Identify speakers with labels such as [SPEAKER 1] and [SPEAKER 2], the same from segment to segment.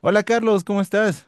[SPEAKER 1] Hola Carlos, ¿cómo estás?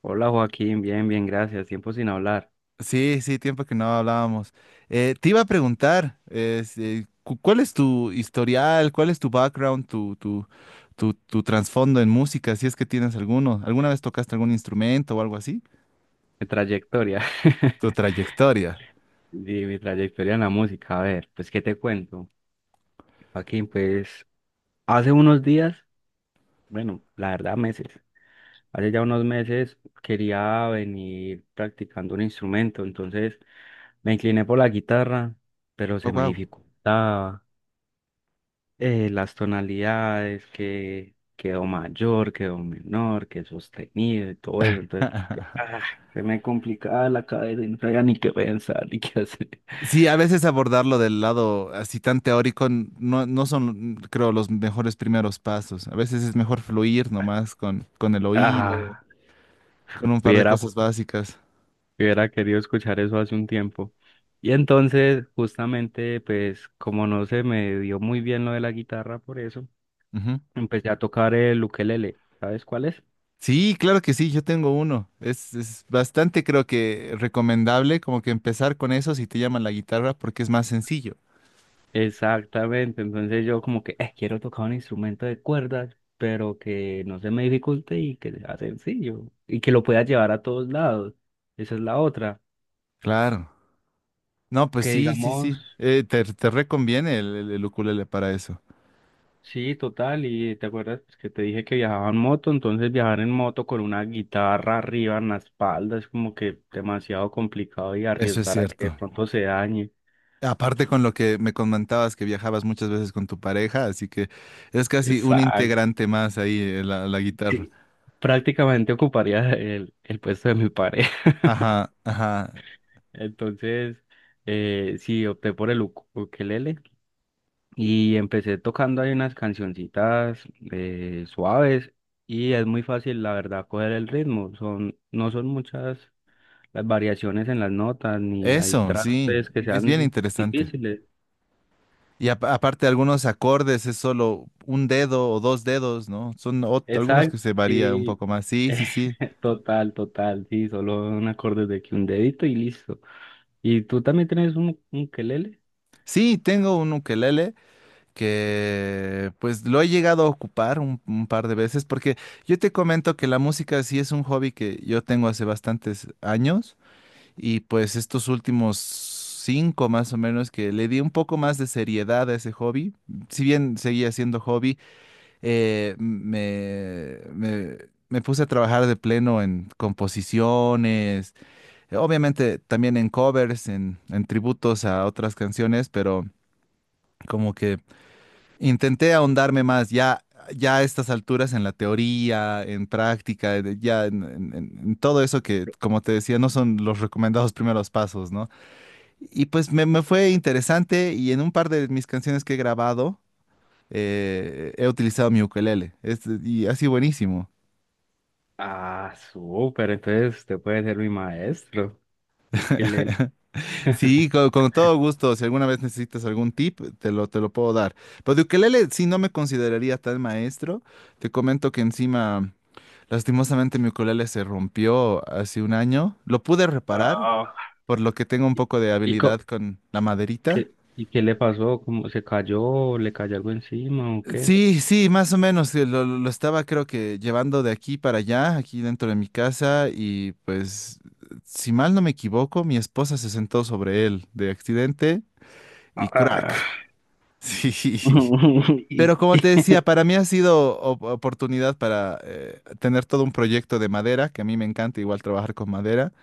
[SPEAKER 2] Hola Joaquín, bien, bien, gracias. Tiempo sin hablar.
[SPEAKER 1] Sí, sí, tiempo que no hablábamos. Te iba a preguntar, ¿cuál es tu historial, cuál es tu background, tu trasfondo en música, si es que tienes alguno? ¿Alguna vez tocaste algún instrumento o algo así?
[SPEAKER 2] Mi trayectoria.
[SPEAKER 1] Tu trayectoria.
[SPEAKER 2] Sí, mi trayectoria en la música. A ver, pues, ¿qué te cuento? Joaquín, pues, hace unos días, bueno, la verdad, meses. Hace ya unos meses quería venir practicando un instrumento, entonces me incliné por la guitarra, pero
[SPEAKER 1] Oh,
[SPEAKER 2] se me
[SPEAKER 1] wow.
[SPEAKER 2] dificultaba. Las tonalidades, que quedó mayor, quedó menor, que sostenido y todo eso. Entonces, que, se me complicaba la cabeza y no sabía ni qué pensar ni qué hacer.
[SPEAKER 1] Sí, a veces abordarlo del lado así tan teórico no, no son, creo, los mejores primeros pasos. A veces es mejor fluir nomás con el oído,
[SPEAKER 2] Ah,
[SPEAKER 1] con un par de
[SPEAKER 2] hubiera,
[SPEAKER 1] cosas básicas.
[SPEAKER 2] hubiera querido escuchar eso hace un tiempo. Y entonces, justamente, pues, como no se me dio muy bien lo de la guitarra, por eso,
[SPEAKER 1] Ujú.
[SPEAKER 2] empecé a tocar el ukelele. ¿Sabes cuál es?
[SPEAKER 1] Sí, claro que sí, yo tengo uno. Es bastante, creo que recomendable como que empezar con eso si te llama la guitarra porque es más sencillo.
[SPEAKER 2] Exactamente, entonces yo como que quiero tocar un instrumento de cuerdas, pero que no se me dificulte y que sea sencillo y que lo pueda llevar a todos lados. Esa es la otra".
[SPEAKER 1] Claro. No, pues
[SPEAKER 2] Que
[SPEAKER 1] sí, sí,
[SPEAKER 2] digamos,
[SPEAKER 1] sí. Te reconviene el ukulele para eso.
[SPEAKER 2] sí, total, y te acuerdas que te dije que viajaba en moto, entonces viajar en moto con una guitarra arriba en la espalda es como que demasiado complicado y
[SPEAKER 1] Eso es
[SPEAKER 2] arriesgar a que de
[SPEAKER 1] cierto.
[SPEAKER 2] pronto se dañe.
[SPEAKER 1] Aparte con lo que me comentabas que viajabas muchas veces con tu pareja, así que es casi un
[SPEAKER 2] Exacto.
[SPEAKER 1] integrante más ahí la guitarra.
[SPEAKER 2] Sí, prácticamente ocuparía el puesto de mi pareja.
[SPEAKER 1] Ajá, ajá.
[SPEAKER 2] Entonces, sí, opté por el ukelele y empecé tocando ahí unas cancioncitas suaves, y es muy fácil, la verdad, coger el ritmo. Son, no son muchas las variaciones en las notas, ni hay
[SPEAKER 1] Eso, sí.
[SPEAKER 2] trastes que
[SPEAKER 1] Es bien
[SPEAKER 2] sean
[SPEAKER 1] interesante.
[SPEAKER 2] difíciles.
[SPEAKER 1] Y aparte algunos acordes es solo un dedo o dos dedos, ¿no? Son algunos que
[SPEAKER 2] Exacto,
[SPEAKER 1] se varía un
[SPEAKER 2] sí.
[SPEAKER 1] poco más. Sí, sí, sí.
[SPEAKER 2] Total, total, sí, solo un acorde de que un dedito y listo. ¿Y tú también tienes un ukelele?
[SPEAKER 1] Sí, tengo un ukelele que pues lo he llegado a ocupar un par de veces porque yo te comento que la música sí es un hobby que yo tengo hace bastantes años y pues estos últimos cinco más o menos que le di un poco más de seriedad a ese hobby, si bien seguía siendo hobby. eh, me, me- me puse a trabajar de pleno en composiciones, obviamente también en covers, en tributos a otras canciones, pero como que intenté ahondarme más ya a estas alturas en la teoría, en práctica, ya en todo eso que, como te decía, no son los recomendados primeros pasos, ¿no? Y pues me fue interesante y en un par de mis canciones que he grabado, he utilizado mi ukelele, y ha sido buenísimo.
[SPEAKER 2] Ah, súper, entonces usted puede ser mi maestro. Ukelele.
[SPEAKER 1] Sí, con, todo gusto. Si alguna vez necesitas algún tip, te lo puedo dar. Pero de ukelele sí no me consideraría tal maestro. Te comento que encima, lastimosamente, mi ukelele se rompió hace un año. Lo pude reparar,
[SPEAKER 2] Ah,
[SPEAKER 1] por lo que tengo un poco de
[SPEAKER 2] ¿Y,
[SPEAKER 1] habilidad
[SPEAKER 2] co-
[SPEAKER 1] con la maderita.
[SPEAKER 2] qué, ¿y qué le pasó? ¿Cómo se cayó? ¿Le cayó algo encima o qué?
[SPEAKER 1] Sí, sí, más o menos. Lo estaba creo que llevando de aquí para allá, aquí dentro de mi casa, y pues, si mal no me equivoco, mi esposa se sentó sobre él de accidente y
[SPEAKER 2] Ah,
[SPEAKER 1] crack. Sí. Pero
[SPEAKER 2] y
[SPEAKER 1] como te decía, para mí ha sido oportunidad para tener todo un proyecto de madera, que a mí me encanta igual trabajar con madera.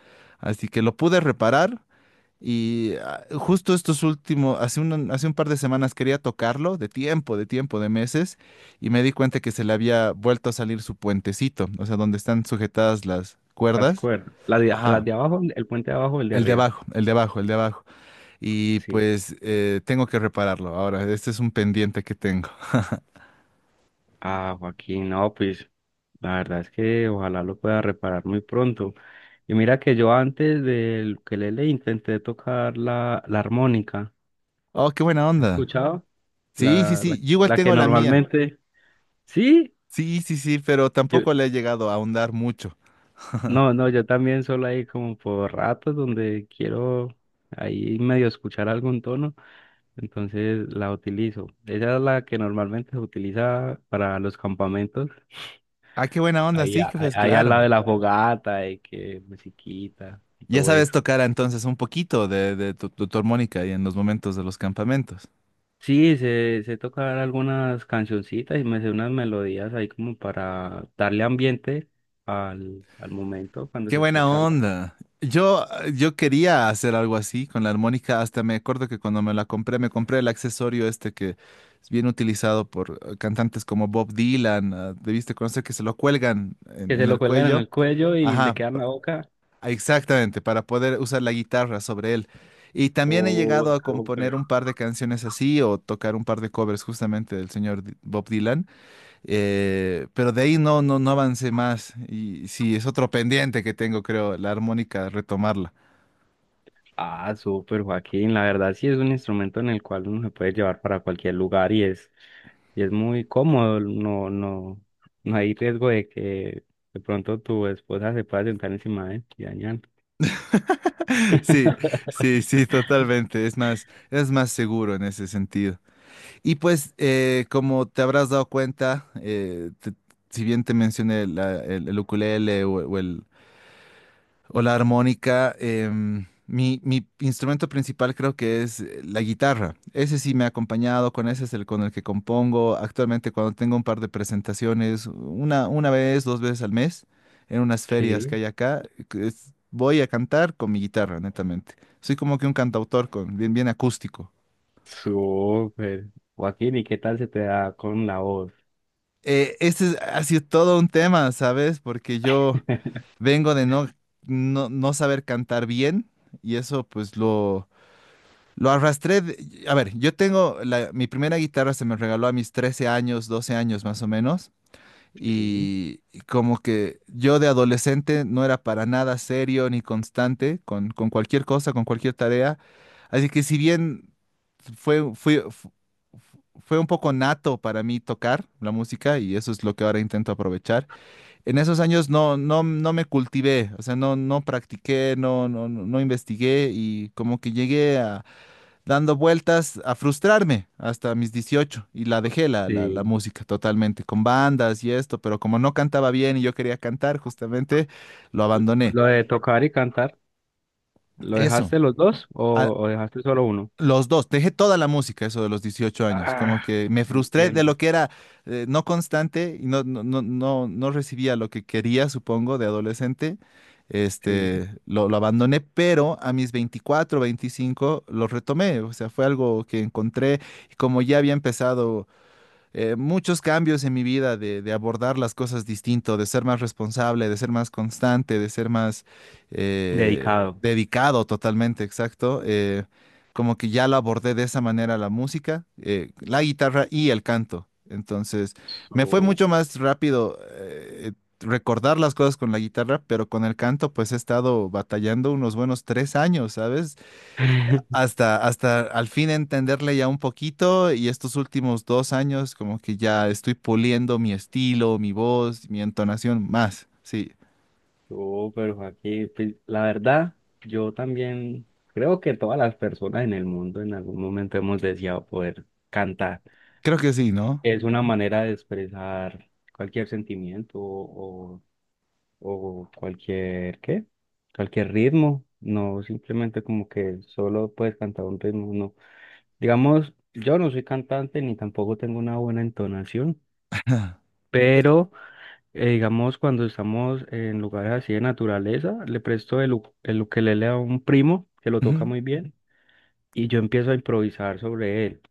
[SPEAKER 1] Así que lo pude reparar y ah, justo estos últimos, hace un par de semanas quería tocarlo, de tiempo, de meses, y me di cuenta que se le había vuelto a salir su puentecito, o sea, donde están sujetadas las
[SPEAKER 2] las
[SPEAKER 1] cuerdas.
[SPEAKER 2] cuerdas. Las
[SPEAKER 1] Ajá.
[SPEAKER 2] de abajo, el puente de abajo, el de
[SPEAKER 1] El de
[SPEAKER 2] arriba.
[SPEAKER 1] abajo, el de abajo, el de abajo. Y
[SPEAKER 2] Sí.
[SPEAKER 1] pues tengo que repararlo ahora. Este es un pendiente que tengo.
[SPEAKER 2] Ah, Joaquín, no, pues la verdad es que ojalá lo pueda reparar muy pronto. Y mira que yo antes del ukelele intenté tocar la armónica.
[SPEAKER 1] Oh, qué buena
[SPEAKER 2] ¿Has
[SPEAKER 1] onda.
[SPEAKER 2] escuchado?
[SPEAKER 1] Sí, sí, sí, yo igual
[SPEAKER 2] La que
[SPEAKER 1] tengo la mía.
[SPEAKER 2] normalmente... Sí,
[SPEAKER 1] Sí, sí, sí, pero
[SPEAKER 2] yo,
[SPEAKER 1] tampoco le he llegado a ahondar mucho.
[SPEAKER 2] no, no, yo también solo ahí como por ratos donde quiero ahí medio escuchar algún tono, entonces la utilizo. Esa es la que normalmente se utiliza para los campamentos,
[SPEAKER 1] Ah, qué buena onda, sí, que
[SPEAKER 2] ahí,
[SPEAKER 1] pues
[SPEAKER 2] ahí al lado
[SPEAKER 1] claro.
[SPEAKER 2] de la fogata y que musiquita y
[SPEAKER 1] Ya
[SPEAKER 2] todo
[SPEAKER 1] sabes
[SPEAKER 2] eso.
[SPEAKER 1] tocar entonces un poquito de tu armónica y en los momentos de los campamentos.
[SPEAKER 2] Sí, sé, sé tocar algunas cancioncitas y me sé unas melodías ahí como para darle ambiente al momento cuando
[SPEAKER 1] Qué
[SPEAKER 2] se está
[SPEAKER 1] buena
[SPEAKER 2] charlando.
[SPEAKER 1] onda. Yo quería hacer algo así con la armónica, hasta me acuerdo que cuando me la compré, me compré el accesorio este que es bien utilizado por cantantes como Bob Dylan, ah, debiste conocer que se lo cuelgan en
[SPEAKER 2] Que se
[SPEAKER 1] en
[SPEAKER 2] lo
[SPEAKER 1] el
[SPEAKER 2] cuelgan en
[SPEAKER 1] cuello.
[SPEAKER 2] el cuello y le
[SPEAKER 1] Ajá,
[SPEAKER 2] quedan en la boca.
[SPEAKER 1] exactamente, para poder usar la guitarra sobre él. Y también he
[SPEAKER 2] Oh,
[SPEAKER 1] llegado a
[SPEAKER 2] no.
[SPEAKER 1] componer un par de canciones así o tocar un par de covers justamente del señor Bob Dylan, pero de ahí no, no, no avancé más. Y sí, es otro pendiente que tengo, creo, la armónica, retomarla.
[SPEAKER 2] Ah, súper, Joaquín. La verdad sí es un instrumento en el cual uno se puede llevar para cualquier lugar y es muy cómodo. No, no, no hay riesgo de que de pronto tu esposa se pueda sentar encima de él y dañar.
[SPEAKER 1] Sí, sí, sí, totalmente. Es más seguro en ese sentido. Y pues, como te habrás dado cuenta, si bien te mencioné el ukulele o el o la armónica. Mi instrumento principal creo que es la guitarra. Ese sí me ha acompañado, con ese es el con el que compongo actualmente cuando tengo un par de presentaciones, una vez, dos veces al mes, en unas ferias que
[SPEAKER 2] Sí,
[SPEAKER 1] hay acá. Voy a cantar con mi guitarra, netamente. Soy como que un cantautor bien, bien acústico.
[SPEAKER 2] súper. Joaquín, ¿y qué tal se te da con la voz?
[SPEAKER 1] Este ha sido todo un tema, ¿sabes? Porque yo vengo de no, no, no saber cantar bien y eso pues lo arrastré, a ver, mi primera guitarra se me regaló a mis 13 años, 12 años más o menos,
[SPEAKER 2] Sí.
[SPEAKER 1] y como que yo de adolescente no era para nada serio ni constante con cualquier cosa, con cualquier tarea, así que si bien fue, fui- fu- fue un poco nato para mí tocar la música y eso es lo que ahora intento aprovechar. En esos años no, no, no me cultivé, o sea, no, no practiqué, no, no, no no investigué y como que llegué a dando vueltas a frustrarme hasta mis 18 y la dejé la
[SPEAKER 2] Sí.
[SPEAKER 1] música totalmente, con bandas y esto, pero como no cantaba bien y yo quería cantar justamente, lo abandoné.
[SPEAKER 2] Lo de tocar y cantar, ¿lo
[SPEAKER 1] Eso,
[SPEAKER 2] dejaste los dos
[SPEAKER 1] a-
[SPEAKER 2] o dejaste solo uno?
[SPEAKER 1] los dos, dejé toda la música, eso de los 18 años, como
[SPEAKER 2] Ah,
[SPEAKER 1] que me frustré de
[SPEAKER 2] entiendo.
[SPEAKER 1] lo que era no constante y no, no, no, no, no recibía lo que quería, supongo, de adolescente.
[SPEAKER 2] Sí.
[SPEAKER 1] Este, lo abandoné, pero a mis 24 25 lo retomé, o sea, fue algo que encontré y como ya había empezado muchos cambios en mi vida de abordar las cosas distinto, de ser más responsable, de ser más constante, de ser más
[SPEAKER 2] Dedicado.
[SPEAKER 1] dedicado totalmente, exacto. Como que ya lo abordé de esa manera la música, la guitarra y el canto. Entonces, me fue mucho
[SPEAKER 2] Súper.
[SPEAKER 1] más rápido recordar las cosas con la guitarra, pero con el canto pues he estado batallando unos buenos 3 años, ¿sabes? Hasta al fin entenderle ya un poquito y estos últimos 2 años como que ya estoy puliendo mi estilo, mi voz, mi entonación más. Sí,
[SPEAKER 2] No, pero aquí pues, la verdad, yo también creo que todas las personas en el mundo en algún momento hemos deseado poder cantar.
[SPEAKER 1] creo que sí, ¿no?
[SPEAKER 2] Es una manera de expresar cualquier sentimiento o cualquier, ¿qué? Cualquier ritmo. No simplemente como que solo puedes cantar un ritmo, no. Digamos, yo no soy cantante ni tampoco tengo una buena entonación,
[SPEAKER 1] Eh,
[SPEAKER 2] pero... digamos, cuando estamos en lugares así de naturaleza, le presto el ukelele a un primo que lo toca
[SPEAKER 1] ujú.
[SPEAKER 2] muy bien y yo empiezo a improvisar sobre él,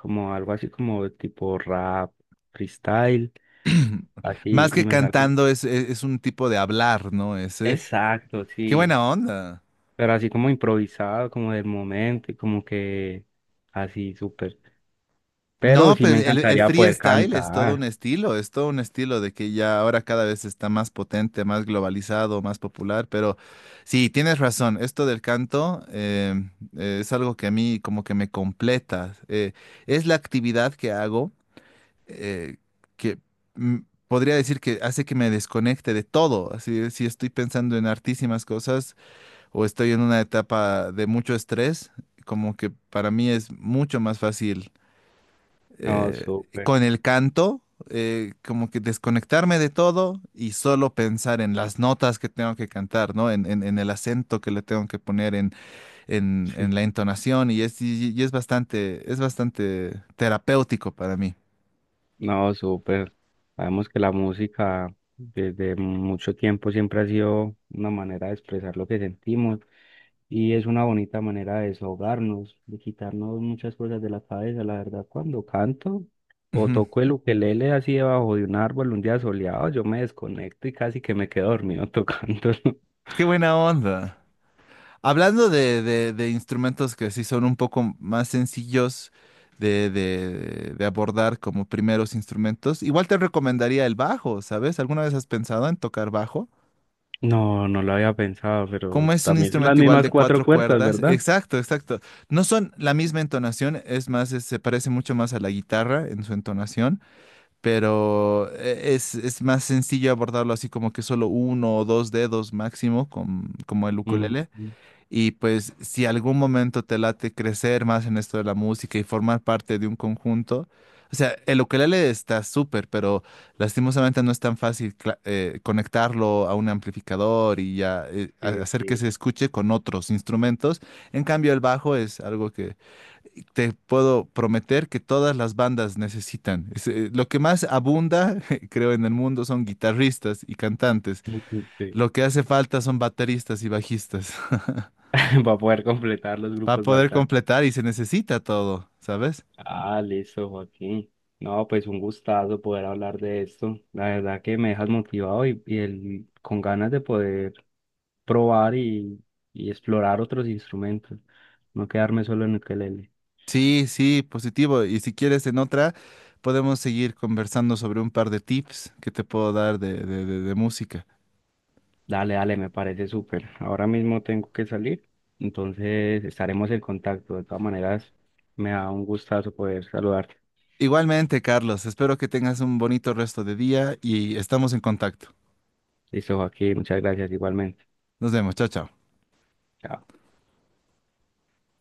[SPEAKER 2] como algo así como tipo rap, freestyle, así,
[SPEAKER 1] Más que
[SPEAKER 2] y me sale.
[SPEAKER 1] cantando es un tipo de hablar, ¿no? Ese.
[SPEAKER 2] Exacto,
[SPEAKER 1] Qué
[SPEAKER 2] sí,
[SPEAKER 1] buena onda.
[SPEAKER 2] pero así como improvisado, como del momento y como que así, súper. Pero
[SPEAKER 1] No,
[SPEAKER 2] sí
[SPEAKER 1] pues
[SPEAKER 2] me
[SPEAKER 1] el
[SPEAKER 2] encantaría poder
[SPEAKER 1] freestyle es todo un
[SPEAKER 2] cantar.
[SPEAKER 1] estilo, es todo un estilo de que ya ahora cada vez está más potente, más globalizado, más popular, pero sí, tienes razón, esto del canto es algo que a mí como que me completa, es la actividad que hago eh, que mm, podría decir que hace que me desconecte de todo, así si estoy pensando en artísimas cosas o estoy en una etapa de mucho estrés, como que para mí es mucho más fácil
[SPEAKER 2] No,
[SPEAKER 1] eh,
[SPEAKER 2] súper.
[SPEAKER 1] con el canto, como que desconectarme de todo y solo pensar en las notas que tengo que cantar, ¿no? En el acento que le tengo que poner, en, en-
[SPEAKER 2] Sí.
[SPEAKER 1] en la entonación, y es bastante terapéutico para mí.
[SPEAKER 2] No, súper. Sabemos que la música desde mucho tiempo siempre ha sido una manera de expresar lo que sentimos y es una bonita manera de desahogarnos, de quitarnos muchas cosas de la cabeza. La verdad, cuando canto o
[SPEAKER 1] Ujú.
[SPEAKER 2] toco el ukelele así debajo de un árbol un día soleado, yo me desconecto y casi que me quedo dormido tocando.
[SPEAKER 1] Qué buena onda. Hablando de instrumentos que sí son un poco más sencillos de abordar como primeros instrumentos, igual te recomendaría el bajo, ¿sabes? ¿Alguna vez has pensado en tocar bajo?
[SPEAKER 2] No, no lo había pensado, pero
[SPEAKER 1] ¿Cómo es un
[SPEAKER 2] también son las
[SPEAKER 1] instrumento igual
[SPEAKER 2] mismas
[SPEAKER 1] de
[SPEAKER 2] cuatro
[SPEAKER 1] cuatro
[SPEAKER 2] cuerdas,
[SPEAKER 1] cuerdas?
[SPEAKER 2] ¿verdad?
[SPEAKER 1] Exacto, exacto. No son la misma entonación, es más, se parece mucho más a la guitarra en su entonación, pero es más sencillo abordarlo así como que solo uno o dos dedos máximo, como el
[SPEAKER 2] Mm,
[SPEAKER 1] ukulele. Y pues si algún momento te late crecer más en esto de la música y formar parte de un conjunto, o sea, el ukelele está súper, pero lastimosamente no es tan fácil conectarlo a un amplificador y ya
[SPEAKER 2] sí,
[SPEAKER 1] hacer que se
[SPEAKER 2] sí.
[SPEAKER 1] escuche con otros instrumentos. En cambio, el bajo es algo que te puedo prometer que todas las bandas necesitan. Lo que más abunda, creo, en el mundo son guitarristas y cantantes.
[SPEAKER 2] Sí.
[SPEAKER 1] Lo que hace falta son bateristas y bajistas
[SPEAKER 2] Para poder completar los
[SPEAKER 1] para
[SPEAKER 2] grupos
[SPEAKER 1] poder
[SPEAKER 2] faltantes.
[SPEAKER 1] completar y se necesita todo, ¿sabes?
[SPEAKER 2] Ah, listo, Joaquín. No, pues un gustazo poder hablar de esto. La verdad que me dejas motivado y con ganas de poder probar y explorar otros instrumentos. No quedarme solo en ukelele.
[SPEAKER 1] Sí, sí, positivo. Y si quieres en otra, podemos seguir conversando sobre un par de tips que te puedo dar de música.
[SPEAKER 2] Dale, dale, me parece súper. Ahora mismo tengo que salir, entonces estaremos en contacto. De todas maneras, me da un gustazo poder saludarte.
[SPEAKER 1] Igualmente, Carlos, espero que tengas un bonito resto de día y estamos en contacto.
[SPEAKER 2] Listo, Joaquín, muchas gracias igualmente.
[SPEAKER 1] Nos vemos, chao, chao.
[SPEAKER 2] Chao.